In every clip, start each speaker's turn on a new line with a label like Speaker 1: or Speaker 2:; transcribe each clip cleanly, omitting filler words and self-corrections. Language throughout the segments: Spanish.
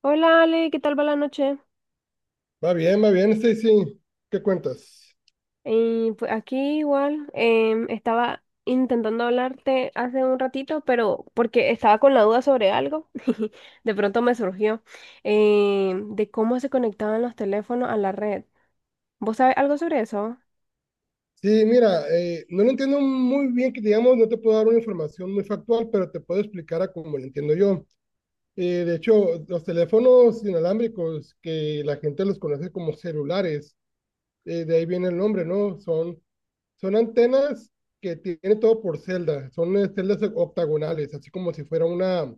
Speaker 1: Hola Ale, ¿qué tal va la noche?
Speaker 2: Va bien, sí. Sí. ¿Qué cuentas?
Speaker 1: Y pues aquí igual, estaba intentando hablarte hace un ratito, pero porque estaba con la duda sobre algo, de pronto me surgió, de cómo se conectaban los teléfonos a la red. ¿Vos sabés algo sobre eso?
Speaker 2: Sí, mira, no lo entiendo muy bien, que digamos, no te puedo dar una información muy factual, pero te puedo explicar a cómo lo entiendo yo. De hecho, los teléfonos inalámbricos, que la gente los conoce como celulares, de ahí viene el nombre, ¿no? Son antenas que tienen todo por celda, son celdas octagonales, así como si fuera una,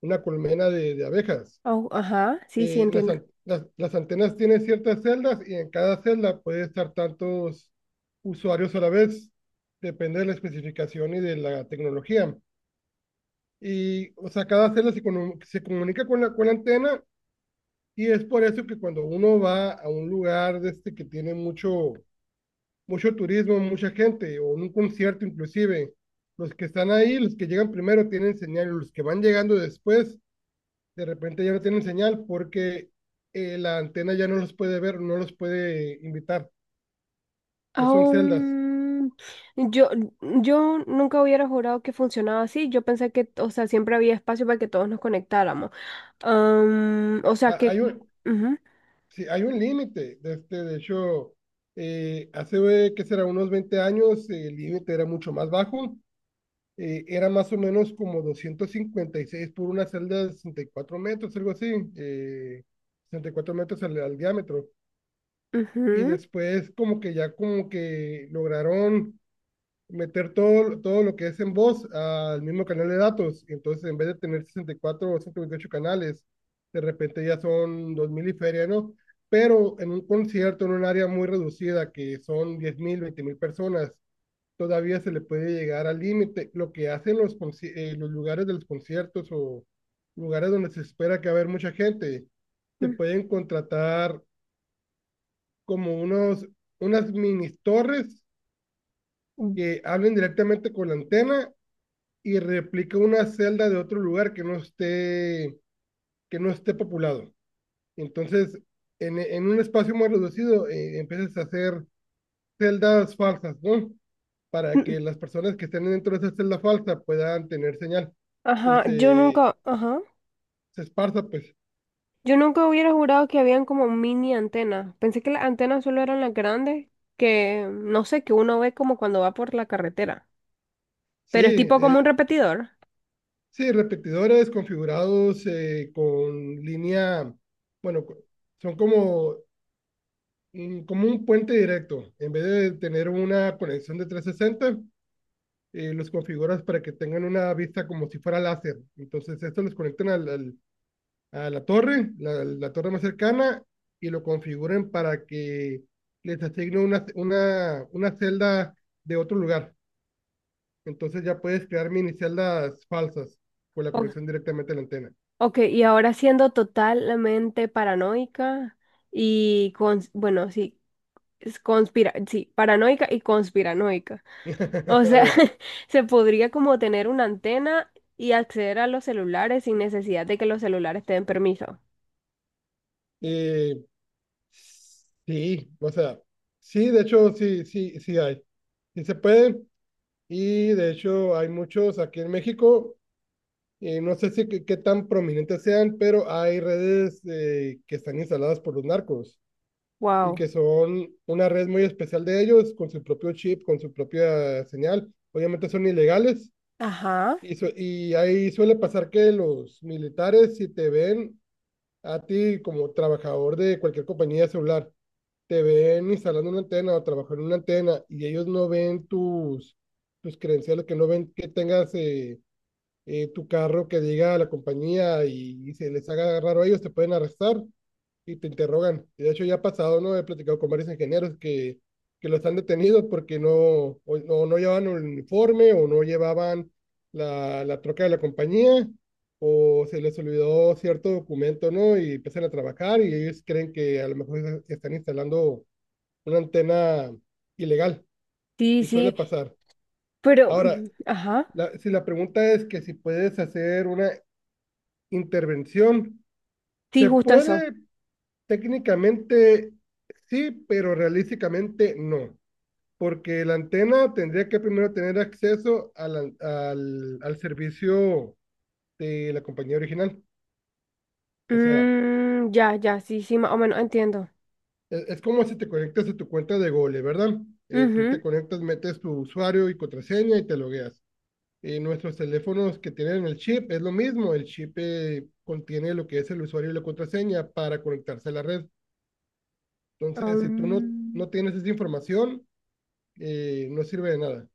Speaker 2: una colmena de abejas.
Speaker 1: Au- ajá, sí, sí,
Speaker 2: eh, las,
Speaker 1: entiendo.
Speaker 2: an- las, las antenas tienen ciertas celdas y en cada celda puede estar tantos usuarios a la vez. Depende de la especificación y de la tecnología. Y, o sea, cada celda se comunica con la antena, y es por eso que cuando uno va a un lugar de este que tiene mucho turismo, mucha gente, o en un concierto inclusive, los que están ahí, los que llegan primero tienen señal, los que van llegando después de repente ya no tienen señal porque la antena ya no los puede ver, no los puede invitar. Entonces son celdas.
Speaker 1: Aún, yo, yo nunca hubiera jurado que funcionaba así. Yo pensé que, o sea, siempre había espacio para que todos nos conectáramos. O sea,
Speaker 2: Ha-
Speaker 1: que...
Speaker 2: hay un,
Speaker 1: Ujú,
Speaker 2: sí, hay un límite. De, este, de hecho, hace, ¿qué será? Unos 20 años, el límite era mucho más bajo. Era más o menos como 256 por una celda de 64 metros, algo así. Sesenta y cuatro metros al diámetro. Y
Speaker 1: ujú.
Speaker 2: después como que ya como que lograron meter todo lo que es en voz al mismo canal de datos. Entonces, en vez de tener 64 o 128 canales, de repente ya son 2.000 y feria, ¿no? Pero en un concierto, en un área muy reducida, que son diez mil veinte mil personas, todavía se le puede llegar al límite. Lo que hacen los lugares de los conciertos o lugares donde se espera que va a haber mucha gente, se
Speaker 1: Mm.
Speaker 2: pueden contratar como unas mini torres
Speaker 1: Mm,
Speaker 2: que hablen directamente con la antena y replica una celda de otro lugar que no esté populado. Entonces, en un espacio más reducido, empiezas a hacer celdas falsas, ¿no? Para
Speaker 1: mm.
Speaker 2: que las personas que estén dentro de esa celda falsa puedan tener señal y se,
Speaker 1: Ajá,
Speaker 2: se esparza, pues.
Speaker 1: yo nunca hubiera jurado que habían como mini antenas. Pensé que las antenas solo eran las grandes, que no sé, que uno ve como cuando va por la carretera.
Speaker 2: Sí,
Speaker 1: Pero es tipo como un
Speaker 2: eh,
Speaker 1: repetidor.
Speaker 2: sí, repetidores configurados, con línea, bueno, son como, como un puente directo. En vez de tener una conexión de trescientos sesenta, los configuras para que tengan una vista como si fuera láser. Entonces, esto los conectan a la torre, la torre más cercana, y lo configuren para que les asigne una celda de otro lugar. Entonces ya puedes crear mini celdas falsas con la
Speaker 1: O-
Speaker 2: conexión directamente a la antena.
Speaker 1: ok, y ahora siendo totalmente paranoica y con, bueno, sí, es conspira, sí, paranoica y conspiranoica. O
Speaker 2: A
Speaker 1: sea,
Speaker 2: ver,
Speaker 1: se podría como tener una antena y acceder a los celulares sin necesidad de que los celulares te den permiso.
Speaker 2: eh, sí, o sea, sí, de hecho, sí, sí, sí hay. Sí se puede. Y de hecho hay muchos aquí en México. No sé si qué tan prominentes sean, pero hay redes, que están instaladas por los narcos y
Speaker 1: Wow.
Speaker 2: que son una red muy especial de ellos, con su propio chip, con su propia señal. Obviamente son ilegales
Speaker 1: Ajá.
Speaker 2: y ahí suele pasar que los militares, si te ven a ti como trabajador de cualquier compañía celular, te ven instalando una antena o trabajando en una antena y ellos no ven tus credenciales, que no ven que tengas, tu carro que diga a la compañía, y se les haga raro a ellos, te pueden arrestar y te interrogan. Y de hecho ya ha pasado, ¿no? He platicado con varios ingenieros que los han detenido porque no, o no llevaban un uniforme o no llevaban la troca de la compañía o se les olvidó cierto documento, ¿no? Y empiezan a trabajar y ellos creen que a lo mejor están instalando una antena ilegal,
Speaker 1: Sí,
Speaker 2: y suele
Speaker 1: sí.
Speaker 2: pasar.
Speaker 1: Pero,
Speaker 2: Ahora,
Speaker 1: mm, ajá.
Speaker 2: si la pregunta es que si puedes hacer una intervención.
Speaker 1: Sí,
Speaker 2: Se
Speaker 1: justo eso.
Speaker 2: puede técnicamente sí, pero realísticamente no, porque la antena tendría que primero tener acceso al servicio de la compañía original. O sea,
Speaker 1: Mm, ya, ya, sí, sí, más o menos entiendo.
Speaker 2: es, como si te conectas a tu cuenta de Google, ¿verdad? Tú
Speaker 1: Ujú.
Speaker 2: te conectas, metes tu usuario y contraseña y te logueas. Y nuestros teléfonos que tienen el chip es lo mismo, el chip, contiene lo que es el usuario y la contraseña para conectarse a la red. Entonces, si tú no,
Speaker 1: Um,
Speaker 2: no tienes esa información, no sirve de nada.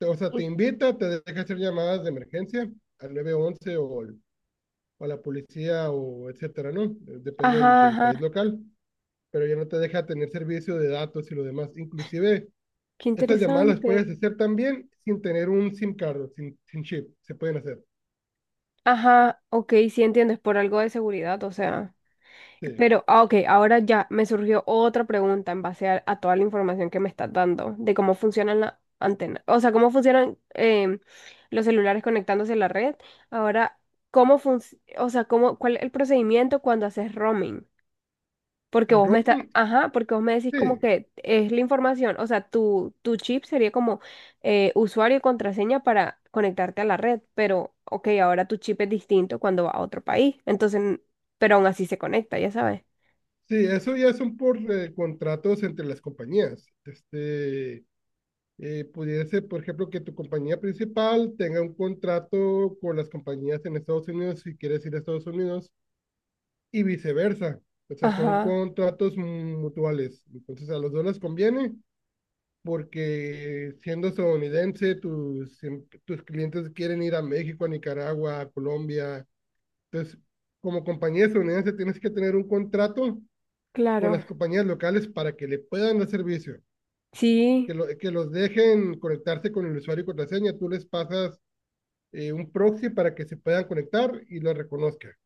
Speaker 2: O sea, te
Speaker 1: y-
Speaker 2: invita, te deja hacer llamadas de emergencia al nueve once o a la policía o etcétera, ¿no? Depende del,
Speaker 1: ajá,
Speaker 2: del país
Speaker 1: ajá.
Speaker 2: local, pero ya no te deja tener servicio de datos y lo demás. Inclusive,
Speaker 1: Qué
Speaker 2: estas llamadas las puedes
Speaker 1: interesante.
Speaker 2: hacer también sin tener un SIM card, sin chip, se pueden hacer.
Speaker 1: Ajá, ok, sí entiendes, por algo de seguridad, o sea.
Speaker 2: Sí.
Speaker 1: Pero, ah, ok, ahora ya me surgió otra pregunta en base a toda la información que me estás dando de cómo funcionan las antenas, o sea, cómo funcionan los celulares conectándose a la red. Ahora, ¿cómo funciona, o sea, cómo, cuál es el procedimiento cuando haces roaming? Porque
Speaker 2: El
Speaker 1: vos me estás,
Speaker 2: roaming,
Speaker 1: ajá, porque vos me decís como
Speaker 2: sí.
Speaker 1: que es la información, o sea, tu chip sería como usuario y contraseña para conectarte a la red, pero, ok, ahora tu chip es distinto cuando va a otro país, entonces, pero aún así se conecta, ya sabes.
Speaker 2: Sí, eso ya son por, contratos entre las compañías. Este, pudiera ser, por ejemplo, que tu compañía principal tenga un contrato con las compañías en Estados Unidos si quieres ir a Estados Unidos y viceversa. O sea, son
Speaker 1: Ajá,
Speaker 2: contratos mutuales. Entonces, a los dos les conviene porque siendo estadounidense, tus clientes quieren ir a México, a Nicaragua, a Colombia. Entonces, como compañía estadounidense, tienes que tener un contrato con
Speaker 1: claro.
Speaker 2: las compañías locales para que le puedan dar servicio.
Speaker 1: Sí,
Speaker 2: Que los dejen conectarse con el usuario y contraseña, tú les pasas, un proxy para que se puedan conectar y lo reconozca.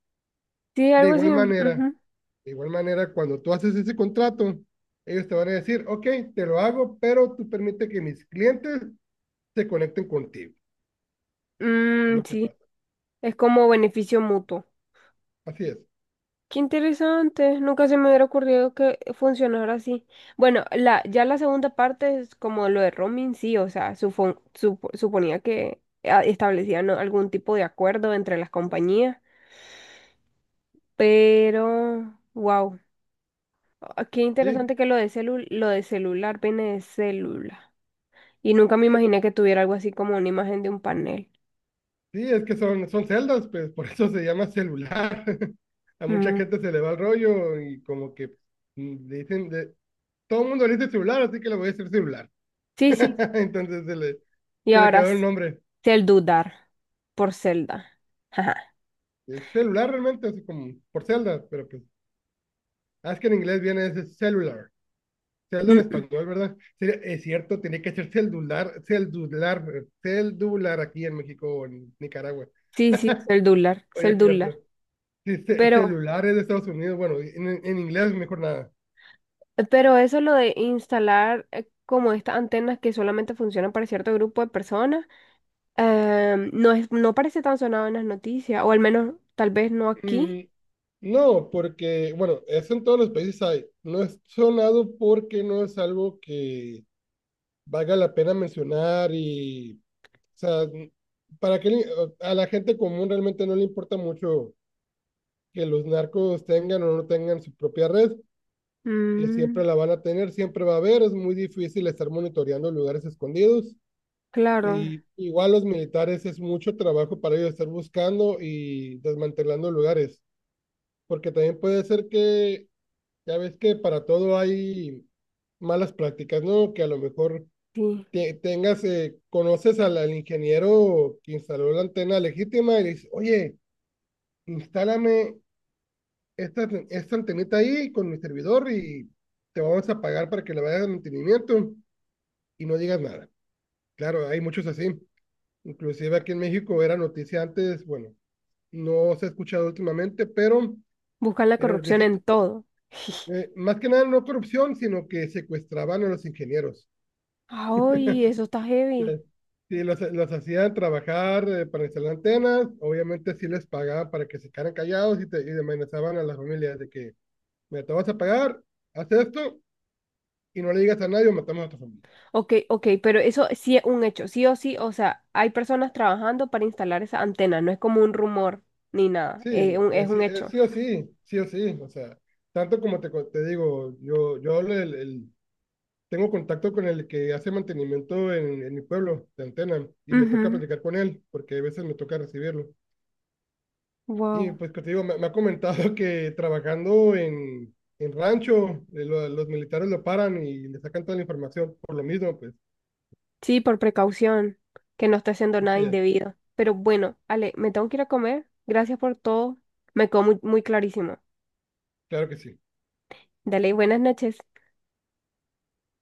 Speaker 1: sí,
Speaker 2: De
Speaker 1: algo así.
Speaker 2: igual manera,
Speaker 1: Ujú.
Speaker 2: de igual manera, cuando tú haces ese contrato, ellos te van a decir, ok, te lo hago, pero tú permite que mis clientes se conecten contigo. Es
Speaker 1: Mm,
Speaker 2: lo que
Speaker 1: sí,
Speaker 2: pasa.
Speaker 1: es como beneficio mutuo.
Speaker 2: Así es.
Speaker 1: Qué interesante, nunca se me hubiera ocurrido que funcionara así. Bueno, la, ya la segunda parte es como lo de roaming, sí, o sea, suponía que ah, establecían, ¿no?, algún tipo de acuerdo entre las compañías, pero, wow, qué
Speaker 2: Sí,
Speaker 1: interesante que lo de lo de celular viene de célula. Y nunca me
Speaker 2: sí,
Speaker 1: imaginé que tuviera algo así como una imagen de un panel.
Speaker 2: sí es que son, celdas, pues por eso se llama celular. A mucha
Speaker 1: Mm.
Speaker 2: gente se le va el rollo y como que le dicen, todo el mundo le dice celular, así que le voy a decir celular.
Speaker 1: Sí, sí.
Speaker 2: Entonces se le,
Speaker 1: Y
Speaker 2: se le
Speaker 1: ahora
Speaker 2: quedó el nombre.
Speaker 1: Celdudar por celda. Ajá.
Speaker 2: Es celular realmente, así como por celda, pero pues, ah, es que en inglés viene ese celular. Celda en
Speaker 1: Mm, mm.
Speaker 2: español, ¿verdad? Es cierto, tenía que ser celular, celular, celular aquí en México o en Nicaragua.
Speaker 1: Sí, sí, Celdular,
Speaker 2: Oye, es cierto.
Speaker 1: Celdular.
Speaker 2: Sí,
Speaker 1: Pero,
Speaker 2: celular es de Estados Unidos, bueno, en inglés mejor nada.
Speaker 1: pero eso lo de instalar como estas antenas que solamente funcionan para cierto grupo de personas, no es, no parece tan sonado en las noticias, o al menos tal vez no aquí.
Speaker 2: Mm, no, porque, bueno, eso en todos los países hay. No es sonado porque no es algo que valga la pena mencionar y sea, para que a la gente común realmente no le importa mucho que los narcos tengan o no tengan su propia red, que
Speaker 1: Mm,
Speaker 2: siempre la van a tener, siempre va a haber, es muy difícil estar monitoreando lugares escondidos.
Speaker 1: claro,
Speaker 2: Y igual los militares es mucho trabajo para ellos estar buscando y desmantelando lugares, porque también puede ser que, ya ves que para todo hay malas prácticas, ¿no? Que a lo mejor
Speaker 1: sí.
Speaker 2: tengas, conoces al ingeniero que instaló la antena legítima y le dices, oye, instálame esta antenita ahí con mi servidor y te vamos a pagar para que le vayas al mantenimiento y no digas nada. Claro, hay muchos así. Inclusive aquí en México era noticia antes, bueno, no se ha escuchado últimamente, pero
Speaker 1: Buscan la
Speaker 2: era
Speaker 1: corrupción
Speaker 2: noticia,
Speaker 1: en todo.
Speaker 2: más que nada no corrupción, sino que secuestraban a los ingenieros.
Speaker 1: Ay, eso está heavy.
Speaker 2: Eh, Sí, los hacían trabajar, para instalar antenas, obviamente sí les pagaban para que se quedaran callados, y amenazaban a las familias de que, mira, te vas a pagar, haz esto y no le digas a nadie o matamos a tu familia.
Speaker 1: Ok, ok, pero eso sí es un hecho, sí o sí, o sea, hay personas trabajando para instalar esa antena, no es como un rumor ni nada,
Speaker 2: Sí, no,
Speaker 1: es
Speaker 2: sí,
Speaker 1: un hecho.
Speaker 2: sí o sí, sí o sí, o sea, tanto como te digo, yo tengo contacto con el que hace mantenimiento en, mi pueblo de antena y me toca
Speaker 1: Ujú,
Speaker 2: platicar con él porque a veces me toca recibirlo. Y
Speaker 1: wow.
Speaker 2: pues que te digo, me ha comentado que trabajando en, rancho, los militares lo paran y le sacan toda la información por lo mismo, pues
Speaker 1: Sí, por precaución, que no esté haciendo nada
Speaker 2: así es,
Speaker 1: indebido. Pero bueno, Ale, me tengo que ir a comer, gracias por todo, me quedó muy, muy clarísimo.
Speaker 2: claro que sí.
Speaker 1: Dale, buenas noches.